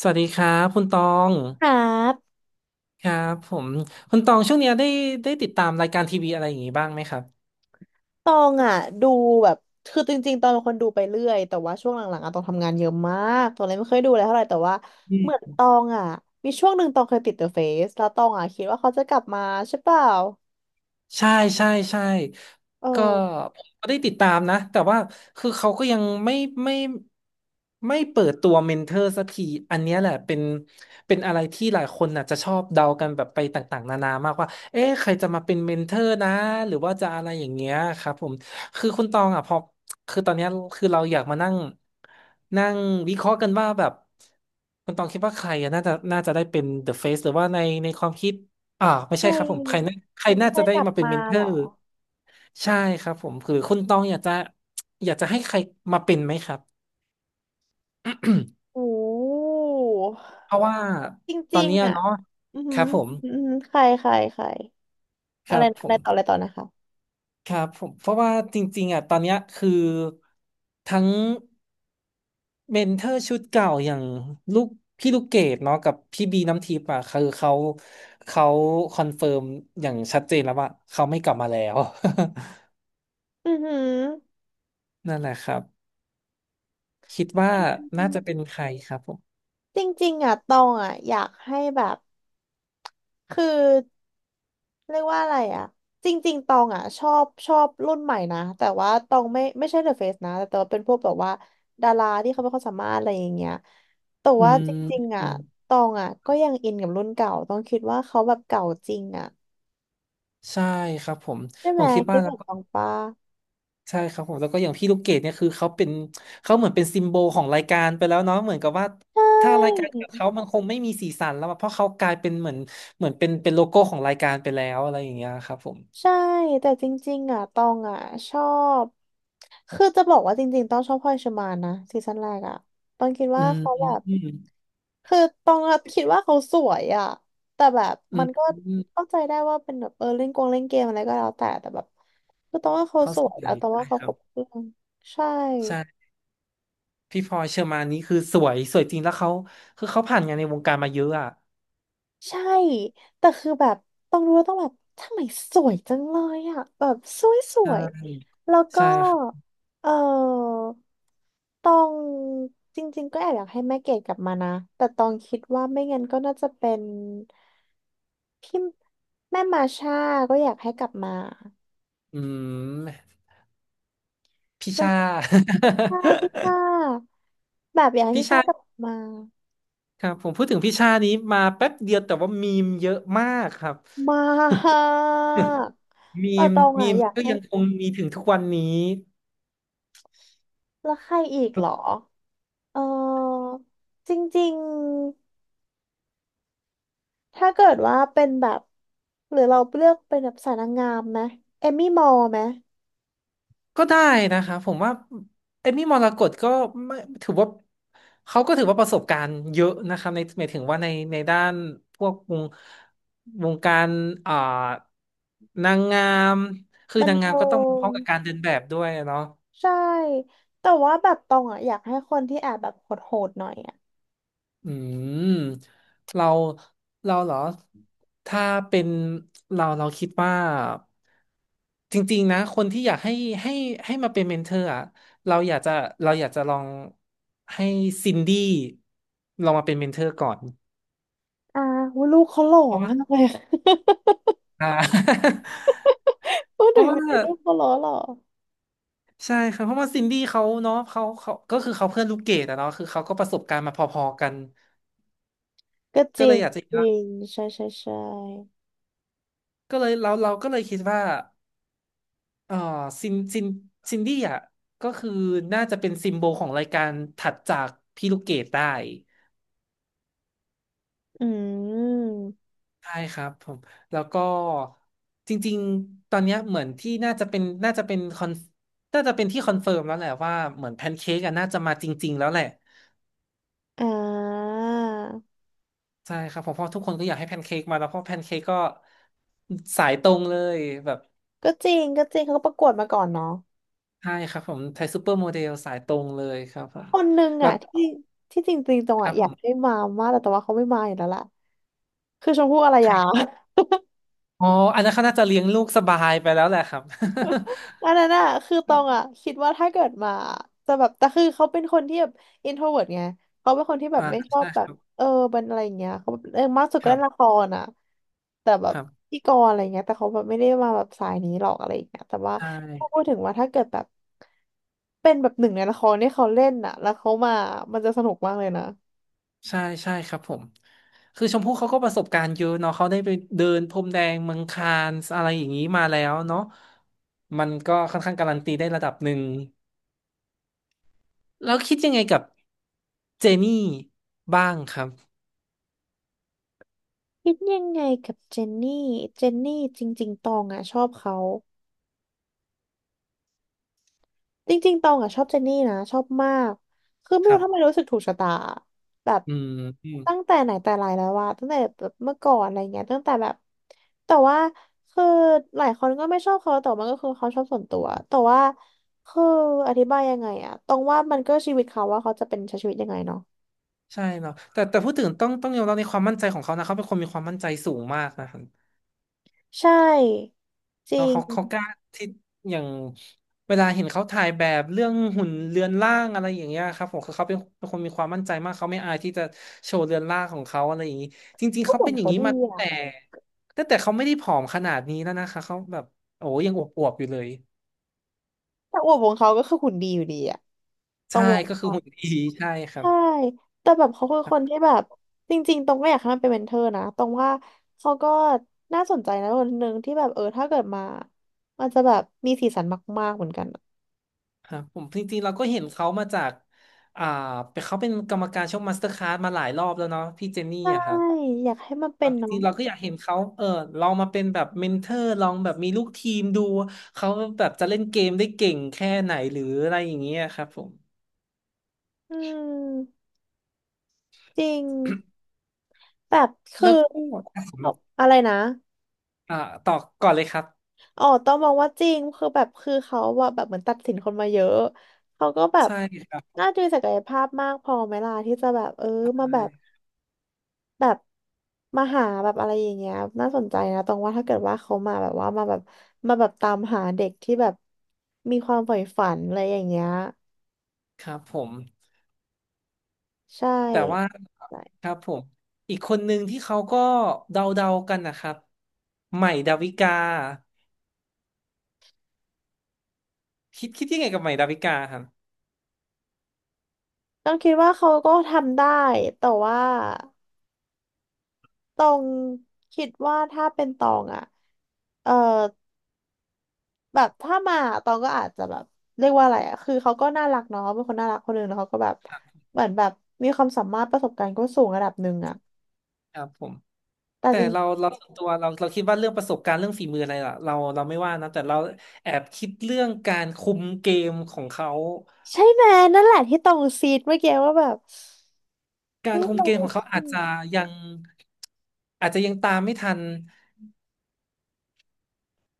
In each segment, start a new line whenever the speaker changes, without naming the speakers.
สวัสดีครับคุณตอง
ครับ
ครับผมคุณตองช่วงเนี้ยได้ได้ติดตามรายการทีวีอะไรอย่างงี้บ้างไหมครับ
ตองอ่ะดูแบบคือจริงๆตองเป็นคนดูไปเรื่อยแต่ว่าช่วงหลังๆอ่ะตองทำงานเยอะมากตองเลยไม่ค่อยดูอะไรเท่าไหร่แต่ว่าเหมือนตองอ่ะมีช่วงหนึ่งตองเคยติด The Face แล้วตองอ่ะคิดว่าเขาจะกลับมาใช่เปล่า
ใช่ใช่ใช่
เออ
ก็ผมก็ได้ติดตามนะแต่ว่าคือเขาก็ยังไม่ไม่ไม่เปิดตัวเมนเทอร์สักทีอันเนี้ยแหละเป็นเป็นอะไรที่หลายคนน่ะจะชอบเดากันแบบไปต่างๆนานามากว่าเอ๊ะใครจะมาเป็นเมนเทอร์นะหรือว่าจะอะไรอย่างเงี้ยครับผมคือคุณตองอ่ะพอคือตอนเนี้ยคือเราอยากมานั่งนั่งวิเคราะห์กันว่าแบบคุณตองคิดว่าใครอ่ะน่าจะน่าจะได้เป็น The Face หรือว่าในในความคิด อ่าไม่
ใค
ใช่ครับผมใคร
ร
น่าใครน่า
ใคร
จะได้
กลับ
มาเป็น
มา
เมนเทอ
เหรอ
ร์ใช่ครับผมคือคุณต้องอยากจะอยากจะให้ใครมาเป็นไหมครับ
โอ้
เพราะว่า
จ
ตอ
ริ
น
ง
เนี้ย
ๆอ่ะ
เนาะ
อือ
ค
หือ
รับผม
อือหือใครใครใคร
ค
อะไร
รับ
นะ
ผ
อะ
ม
ไรต่ออะไรต่อนะคะ
ครับผมเพราะว่าจริงๆอ่ะตอนเนี้ยคือทั้งเมนเทอร์ชุดเก่าอย่างลูกพี่ลูกเกดเนาะกับพี่บีน้ำทิพย์อ่ะคือเขาเขาคอนเฟิร์มอย่างชัดเจนแล้วว่าเขาไม่กลับมาแล้ว
อือหือ
นั่นแหละครับ คิดว่าน่าจะเป็นใครครับผม
จริงๆจริงๆอ่ะตองอ่ะอยากให้แบบ คือเรียกว่าอะไรอ่ะจริงๆตองอ่ะชอบชอบรุ่นใหม่นะแต่ว่าตองไม่ใช่เดอะเฟซนะแต่ตองเป็นพวกแบบว่าดาราที่เขาไม่ค่อยสามารถอะไรอย่างเงี้ยแต่
อื
ว่า
ม
จริงๆ
อื
อ่ะ
ม
ตองอ่ะก็ยังอินกับรุ่นเก่าต้องคิดว่าเขาแบบเก่าจริงอ่ะ
ใช่ครับผม
ใช่
ผ
ไหม
มคิด
คิ
ว่า
ดเห
แล้
มื
ว
อน
ก็
ตองปะ
ใช่ครับผมแล้วก็อย่างพี่ลูกเกดเนี่ยคือเขาเป็นเขาเหมือนเป็นซิมโบลของรายการไปแล้วเนาะเหมือนกับว่า
ใช
ถ้ารายการ
่
กับเขามันคงไม่มีสีสันแล้วอะเพราะเขากลายเป็นเหมือนเหมือนเป็นเป็นโลโก้ของรายการไปแล้วอะไรอย่างเงี้ยครับผม
ใช่แต่จริงๆอ่ะตองอ่ะชอบคือจะบอกว่าจริงๆต้องชอบพลอยเชอร์มานนะซีซั่นแรกอ่ะตองคิด
อื
ว่า
ม
เขา
อื
แบ
ม
บ
อืม
คือตองอะคิดว่าเขาสวยอ่ะแต่แบบ
อื
มั
ม
นก็
อืม
เข้าใจได้ว่าเป็นแบบเออเล่นกงเล่นเกมอะไรก็แล้วแต่แต่แบบคือตองว่าเขา
เขา
ส
ส
วย
ว
แล้ว
ย
ตอง
ได้
ว่าเขา
ค
ค
รั
ร
บ
บเครื่องใช่
ใช่พี่พลอยเชอร์มานนี่คือสวยสวยจริงแล้วเขาคือเขาผ่านงานในวงการมาเยอะอ่ะ
ใช่แต่คือแบบต้องรู้แล้ว่าต้องแบบทำไมสวยจังเลยอ่ะแบบสวยส
ใช
วย
่
แล้วก็
ใช่ครับ
เออตองจริงๆก็แอบอยากให้แม่เกดกลับมานะแต่ตองคิดว่าไม่งั้นก็น่าจะเป็นพี่แม่มาช่าก็อยากให้กลับมา
อืม พี่
แล้ว
ชา
ใช่พี่ช่า แบบอยากให้
พี่
พี่ช่า
ชา
กลับมา
ครับผมพูดถึงพี่ชานี้มาแป๊บเดียวแต่ว่ามีมเยอะมากครับ
มาก
มี
แต่
ม
ตอง
มี
อ่ะ
ม
อยาก
ก็
ให้
ยังคงมีถึงทุกวันนี้
แล้วใครอีกเหรอ เออจริงๆถ้าเกิดว่าเป็นแบบหรือเราเลือกเป็นแบบสายนางงามไหมเอมมี่มอลไหม
ก็ได้นะครับผมว่าเอมมี่มรกตก็ไม่ถือว่าเขาก็ถือว่าประสบการณ์เยอะนะครับในหมายถึงว่าในในด้านพวกวงวงการอ่านางงามคือ
บัน
นางงาม
เทิ
ก็ต้องพ
ง
ร้อมกับการเดินแบบด้วยอะเนาะ
ใช่แต่ว่าแบบตองอ่ะอยากให้คนที่แอบแบบโหดๆหน่อยอ่ะ
อืมเราเราเหรอถ้าเป็นเราเราคิดว่าจริงๆนะคนที่อยากให้ให้ให้มาเป็นเมนเทอร์อะเราอยากจะเราอยากจะลองให้ซินดี้ลองมาเป็นเมนเทอร์ก่อน
อ่าว่าลูกเขาหล่อ
เพราะว่า
มากเลย
อ่า
พูด
เพ
ถึ
ราะ
ง
ว่า
ไอ้ลูกเขาหล่อหรอ
ใช่ครับเพราะว่าซินดี้เขาเนาะเขาเขาก็คือเขาเพื่อนลูกเกดอะเนาะคือเขาก็ประสบการณ์มาพอๆกัน
ก็จ
ก็
ริ
เล
ง
ยอยากจะ
จริงใช่ใช่ใช่
ก็เลยเราเราก็เลยคิดว่า เอ่อซินซินซินดี้อ่ะก็คือน่าจะเป็นซิมโบลของรายการถัดจากพี่ลูกเกดได้
อืม
ใช่ครับผมแล้วก็จริงๆตอนเนี้ยเหมือนที่น่าจะเป็นน่าจะเป็นคอนน่าจะเป็นที่คอนเฟิร์มแล้วแหละว่าเหมือนแพนเค้กอะน่าจะมาจริงๆแล้วแหละ
อ่า
ใช่ครับผมเพราะทุกคนก็อยากให้แพนเค้กมาแล้วเพราะแพนเค้กก็สายตรงเลยแบบ
ก็จริงก็จริงเขาก็ประกวดมาก่อนเนาะ
ใช่ครับผมไทยซูเปอร์โมเดลสายตรงเลยครับผม
คนหนึ่ง
แล้ว
อ่ะที่ที่จริงๆตรง
ครั
อ่ะ
บ
อ
ผ
ยากให้
ม
มามากแต่ว่าเขาไม่มาอยู่แล้วล่ะคือชมพู่อาร
ใคร
ยา
อ๋ออันนั้นเขาน่าจะเลี้ยงลูกสบายไปแล้วแหละครับ
อันนั้นอะคือตรงอะคิดว่าถ้าเกิดมาจะแบบแต่คือเขาเป็นคนที่แบบอินโทรเวิร์ตไงเขาเป็นคนที่ แบ
อ่า
บไม่ชอบ
ใช่
แบ
ค
บ
รับ
เออเป็นอะไรอย่างเงี้ยเขาแบบเออมากสุด
ค
ก็
รั
เล่
บ
นละครอะแต่แบ
ค
บ
รับ
พิธีกรอะไรเงี้ยแต่เขาแบบไม่ได้มาแบบสายนี้หรอกอะไรอย่างเงี้ยแต่ว่า
ใช่
ถ้าพูดถึงว่าถ้าเกิดแบบเป็นแบบหนึ่งในละครที่เขาเล่นอะแล้วเขามามันจะสนุกมากเลยนะ
ใช่ใช่ครับผมคือชมพู่เขาก็ประสบการณ์เยอะเนาะเขาได้ไปเดินพรมแดงเมืองคานส์อะไรอย่างนี้มาแล้วเนาะมันก็ค่อนข้างการันตีได้ระดับหนึ่งแล้วคิดยังไงกับเจนี่บ้างครับ
คิดยังไงกับเจนนี่เจนนี่จริงๆตองอ่ะชอบเขาจริงๆตองอ่ะชอบเจนนี่นะชอบมากคือไม่
ครั
รู้ทำไมรู้
บ
สึกถูกชะตาแบบ
อืมอืม
ตั้งแต่ไหนแต่ไรแล้วว่าตั้งแต่แบบเมื่อก่อนอะไรเงี้ยตั้งแต่แบบแต่ว่าคือหลายคนก็ไม่ชอบเขาแต่มันก็คือเขาชอบส่วนตัวแต่ว่าคืออธิบายยังไงอะตองว่ามันก็ชีวิตเขาว่าเขาจะเป็นใช้ชีวิตยังไงเนาะ
ใช่เนาะแต่แต่พูดถึงต้องต้องยอมรับในความมั่นใจของเขานะเขาเป็นคนมีความมั่นใจสูงมากนะครับ
ใช่จริ
เนาะ
ง
เขาเขากล้าที่อย่างเวลาเห็นเขาถ่ายแบบเรื่องหุ่นเรือนร่างอะไรอย่างเงี้ยครับผมคือเขาเป็นเป็นคนมีความมั่นใจมากเขาไม่อายที่จะโชว์เรือนร่างของเขาอะไรอย่างงี้จริงๆ
ก็
เขา
หุ่
เป็
น
นอย่าง
เขา
นี้
ดี
มาตั้ง
อะ
แต่ตั้งแต่เขาไม่ได้ผอมขนาดนี้แล้วนะคะเขาแบบโอ้ยังอวบๆอยู่เลย
แต่อวบของเขาก็คือหุ่นดีอยู่ดีอะต้อ
ใช่
งมอ
ก็คื
ง
อหุ่นดีใช่ครับ
ใช่แต่แบบเขาคือคนที่แบบจริงๆตรงก็อยากให้มันเป็นเมนเทอร์นะตรงว่าเขาก็น่าสนใจนะคนหนึ่งที่แบบเออถ้าเกิดมามันจะแบบมีสีสันมากๆเหมือนกันอะ
ครับผมจริงๆเราก็เห็นเขามาจากอ่าเป็นเขาเป็นกรรมการช่องมาสเตอร์คลาสมาหลายรอบแล้วเนาะพี่เจนนี่
ใช่
อะครับ
อยากให้มันเป็
เอา
น
จ
เนาะ
ริงๆเราก็อยากเห็นเขาลองมาเป็นแบบเมนเทอร์ลองแบบมีลูกทีมดูเขาแบบจะเล่นเกมได้เก่งแค่ไหนหรืออะไรอย่างเงี้ยครับผม
อืมจริงแบบคื
แล้
อ
วก็อ่ะผม
เอาอะไรนะ
อ่าต่อก่อนเลยครับ
อ๋อต้องมองว่าจริงคือแบบคือเขาว่าแบบเหมือนตัดสินคนมาเยอะเขาก็แบบ
ใช่ครับ
น่าจะมีศักยภาพมากพอไหมล่ะที่จะแบบเออมาแบ
ใช่
บ แบบมาหาแบบอะไรอย่างเงี้ยน่าสนใจนะตรงว่าถ้าเกิดว่าเขามาแบบว่ามาแบบมาแบบตามหาเด็กที่แบบมีความใฝ่ฝันอะไรอย่างเงี้ย
ครับผม
ใช่
แต่ว่าครับผมอีกคนหนึ่งที่เขาก็เดาๆกันนะครับใหม่ดาวิกาคิดยังไงกับใหม่ดาวิกาครับ
ต้องคิดว่าเขาก็ทำได้แต่ว่าตองคิดว่าถ้าเป็นตองอ่ะเออแบบถ้ามาตองก็อาจจะแบบเรียกว่าอะไรอ่ะคือเขาก็น่ารักเนาะเป็นคนน่ารักคนหนึ่งแล้วเขาก็แบบเหมือนแบบมีความสามารถประสบการณ์ก็สูงระดับหนึ่งอ่ะ
ครับผม
แต่
แต่
จ
เราส่วนตัวเราคิดว่าเรื่องประสบการณ์เรื่องฝีมืออะไรล่ะเราไม่ว่านะแต่เราแอบคิดเรื่องการคุมเกมของเขา
ใช่ไหมนั่นแหละที่ตรงซีดเมื่อกี้ว่าแบบ
การ
ไม่
คุมเก
รู้
มของเขา
สิ
ยังอาจจะยังตามไม่ทัน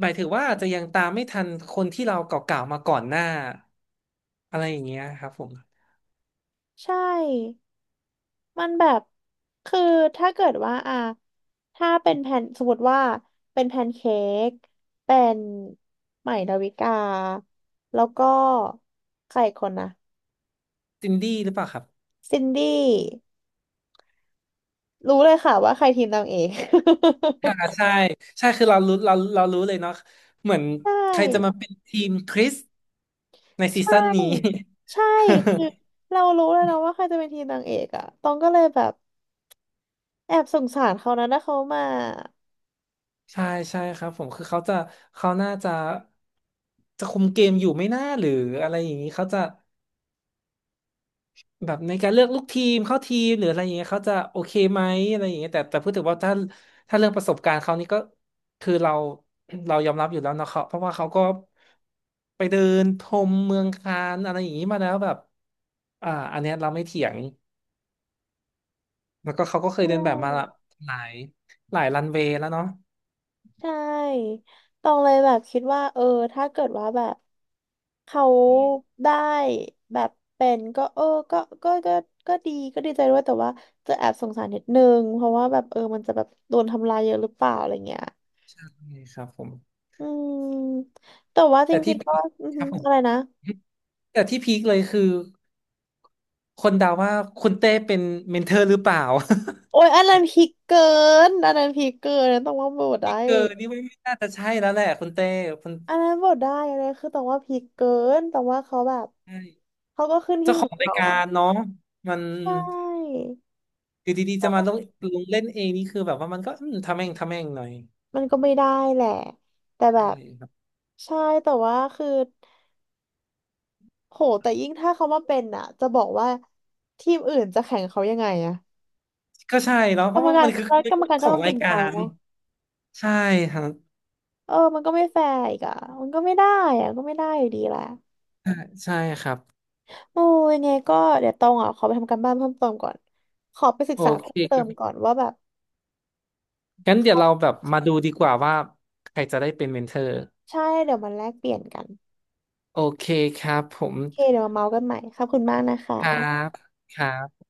หมายถึงว่าอาจจะยังตามไม่ทันคนที่เราเก่าๆมาก่อนหน้าอะไรอย่างเงี้ยครับผม
ใช่มันแบบคือถ้าเกิดว่าอ่ะถ้าเป็นแผ่นสมมติว่าเป็นแพนเค้กเป็นใหม่ดาวิกาแล้วก็ใครอีกคนนะ
ซินดี้หรือเปล่าครับ
ซินดี้รู้เลยค่ะว่าใครทีมนางเอก
ค่ะใช่ใช่คือเรารู้เรารู้เลยเนาะเหมือน
ใช
ใครจะมา
่
เป็นทีมคริสใน
ใช
ซีซั่นนี้
่ใช่คือ เรารู้แล้วนะว่าใครจะเป็นทีมนางเอกอะตองก็เลยแบบแอบสงสารเขานะถ้าเขามา
ใช่ใช่ครับผมคือเขาจะเขาน่าจะจะคุมเกมอยู่ไม่น่าหรืออะไรอย่างนี้เขาจะแบบในการเลือกลูกทีมเข้าทีมหรืออะไรอย่างเงี้ยเขาจะโอเคไหมอะไรอย่างเงี้ยแต่แต่พูดถึงว่าถ้าถ้าเรื่องประสบการณ์เขานี่ก็คือเราเรายอมรับอยู่แล้วเนาะเขาเพราะว่าเขาก็ไปเดินชมเมืองคานอะไรอย่างนี้มาแล้วแบบอันเนี้ยเราไม่เถียงแล้วก็เขาก็เค
ใช
ยเดินแบบมาละ
่
หลายหลายรันเวย์แล้วเนาะ
ใช่ตองเลยแบบคิดว่าเออถ้าเกิดว่าแบบเขาได้แบบเป็นก็เออก็ก็ก็ก็ดีก็ดีใจด้วยแต่ว่าจะแอบสงสารนิดนึงเพราะว่าแบบเออมันจะแบบโดนทำลายเยอะหรือเปล่าอะไรเงี้ย
ใช่ครับผม
อืมแต่ว่าจ
แต่ที่
ริงๆก็อือ
ค
หื
รั
อ
บผม
อะไรนะ
แต่ที่พีคเลยคือคนเดาว่าคุณเต้เป็นเมนเทอร์หรือเปล่า
โอ้ยอันนั้นพีคเกินอันนั้นพีคเกินอันนั้นต้องว่าโบท ได้
พีคเกอร์นี่ไม่ไม่น่าจะใช่แล้วแหละคุณเต้คุณ
อันนั้นโบทได้อันนั้นคือต้องว่าพีคเกินต้องว่าเขาแบบ
ใช่
เขาก็ขึ้นหิ้
เจ้า
ง
ข
ข
อ
อ
ง
ง
ราย
เขา
กา
อะ
รเนาะมัน
ใช่
อยู่ดีๆจะมาลงลงเล่นเองนี่คือแบบว่ามันก็ทำแม่งทำแม่งหน่อย
มันก็ไม่ได้แหละ แต่แบ
ใช่
บ
ครับ
ใช่แต่ว่าคือโหแต่ยิ่งถ้าเขามาเป็นอ่ะ จะบอกว่าทีมอื่นจะแข่งเขายังไงอะ
ก็ใช่เนาะเพ
กรร
ราะ
ม
ว่า
กา
มั
ร
นคือ
แล้ว
มั
ก
น
รรม
คือ
การ
ข
ก็
อง
ต้อง
รา
เก่
ย
ง
กา
ใจ
ร
เนาะ
ใช่ครับ
เออมันก็ไม่แฟร์อีกอ่ะมันก็ไม่ได้อ่ะก็ไม่ได้อยู่ดีแหละ
ใช่ใช่ครับ
โอ้ยังไงก็เดี๋ยวตองอ่ะขอไปทำการบ้านเพิ่มเติมก่อนขอไปศึก
โอ
ษา
เค
เพิ่มเติ
ครั
มก่อ
บ
นว่าแบบ
งั้นเดี๋ยวเราแบบมาดูดีกว่าว่าใครจะได้เป็นเมนเทอร์
ใช่ เดี๋ยวมันแลกเปลี่ยนกัน
โอเคครับผม
โอเคเดี๋ยวมาเมาส์กันใหม่ขอบคุณมากนะคะ
ครับครับ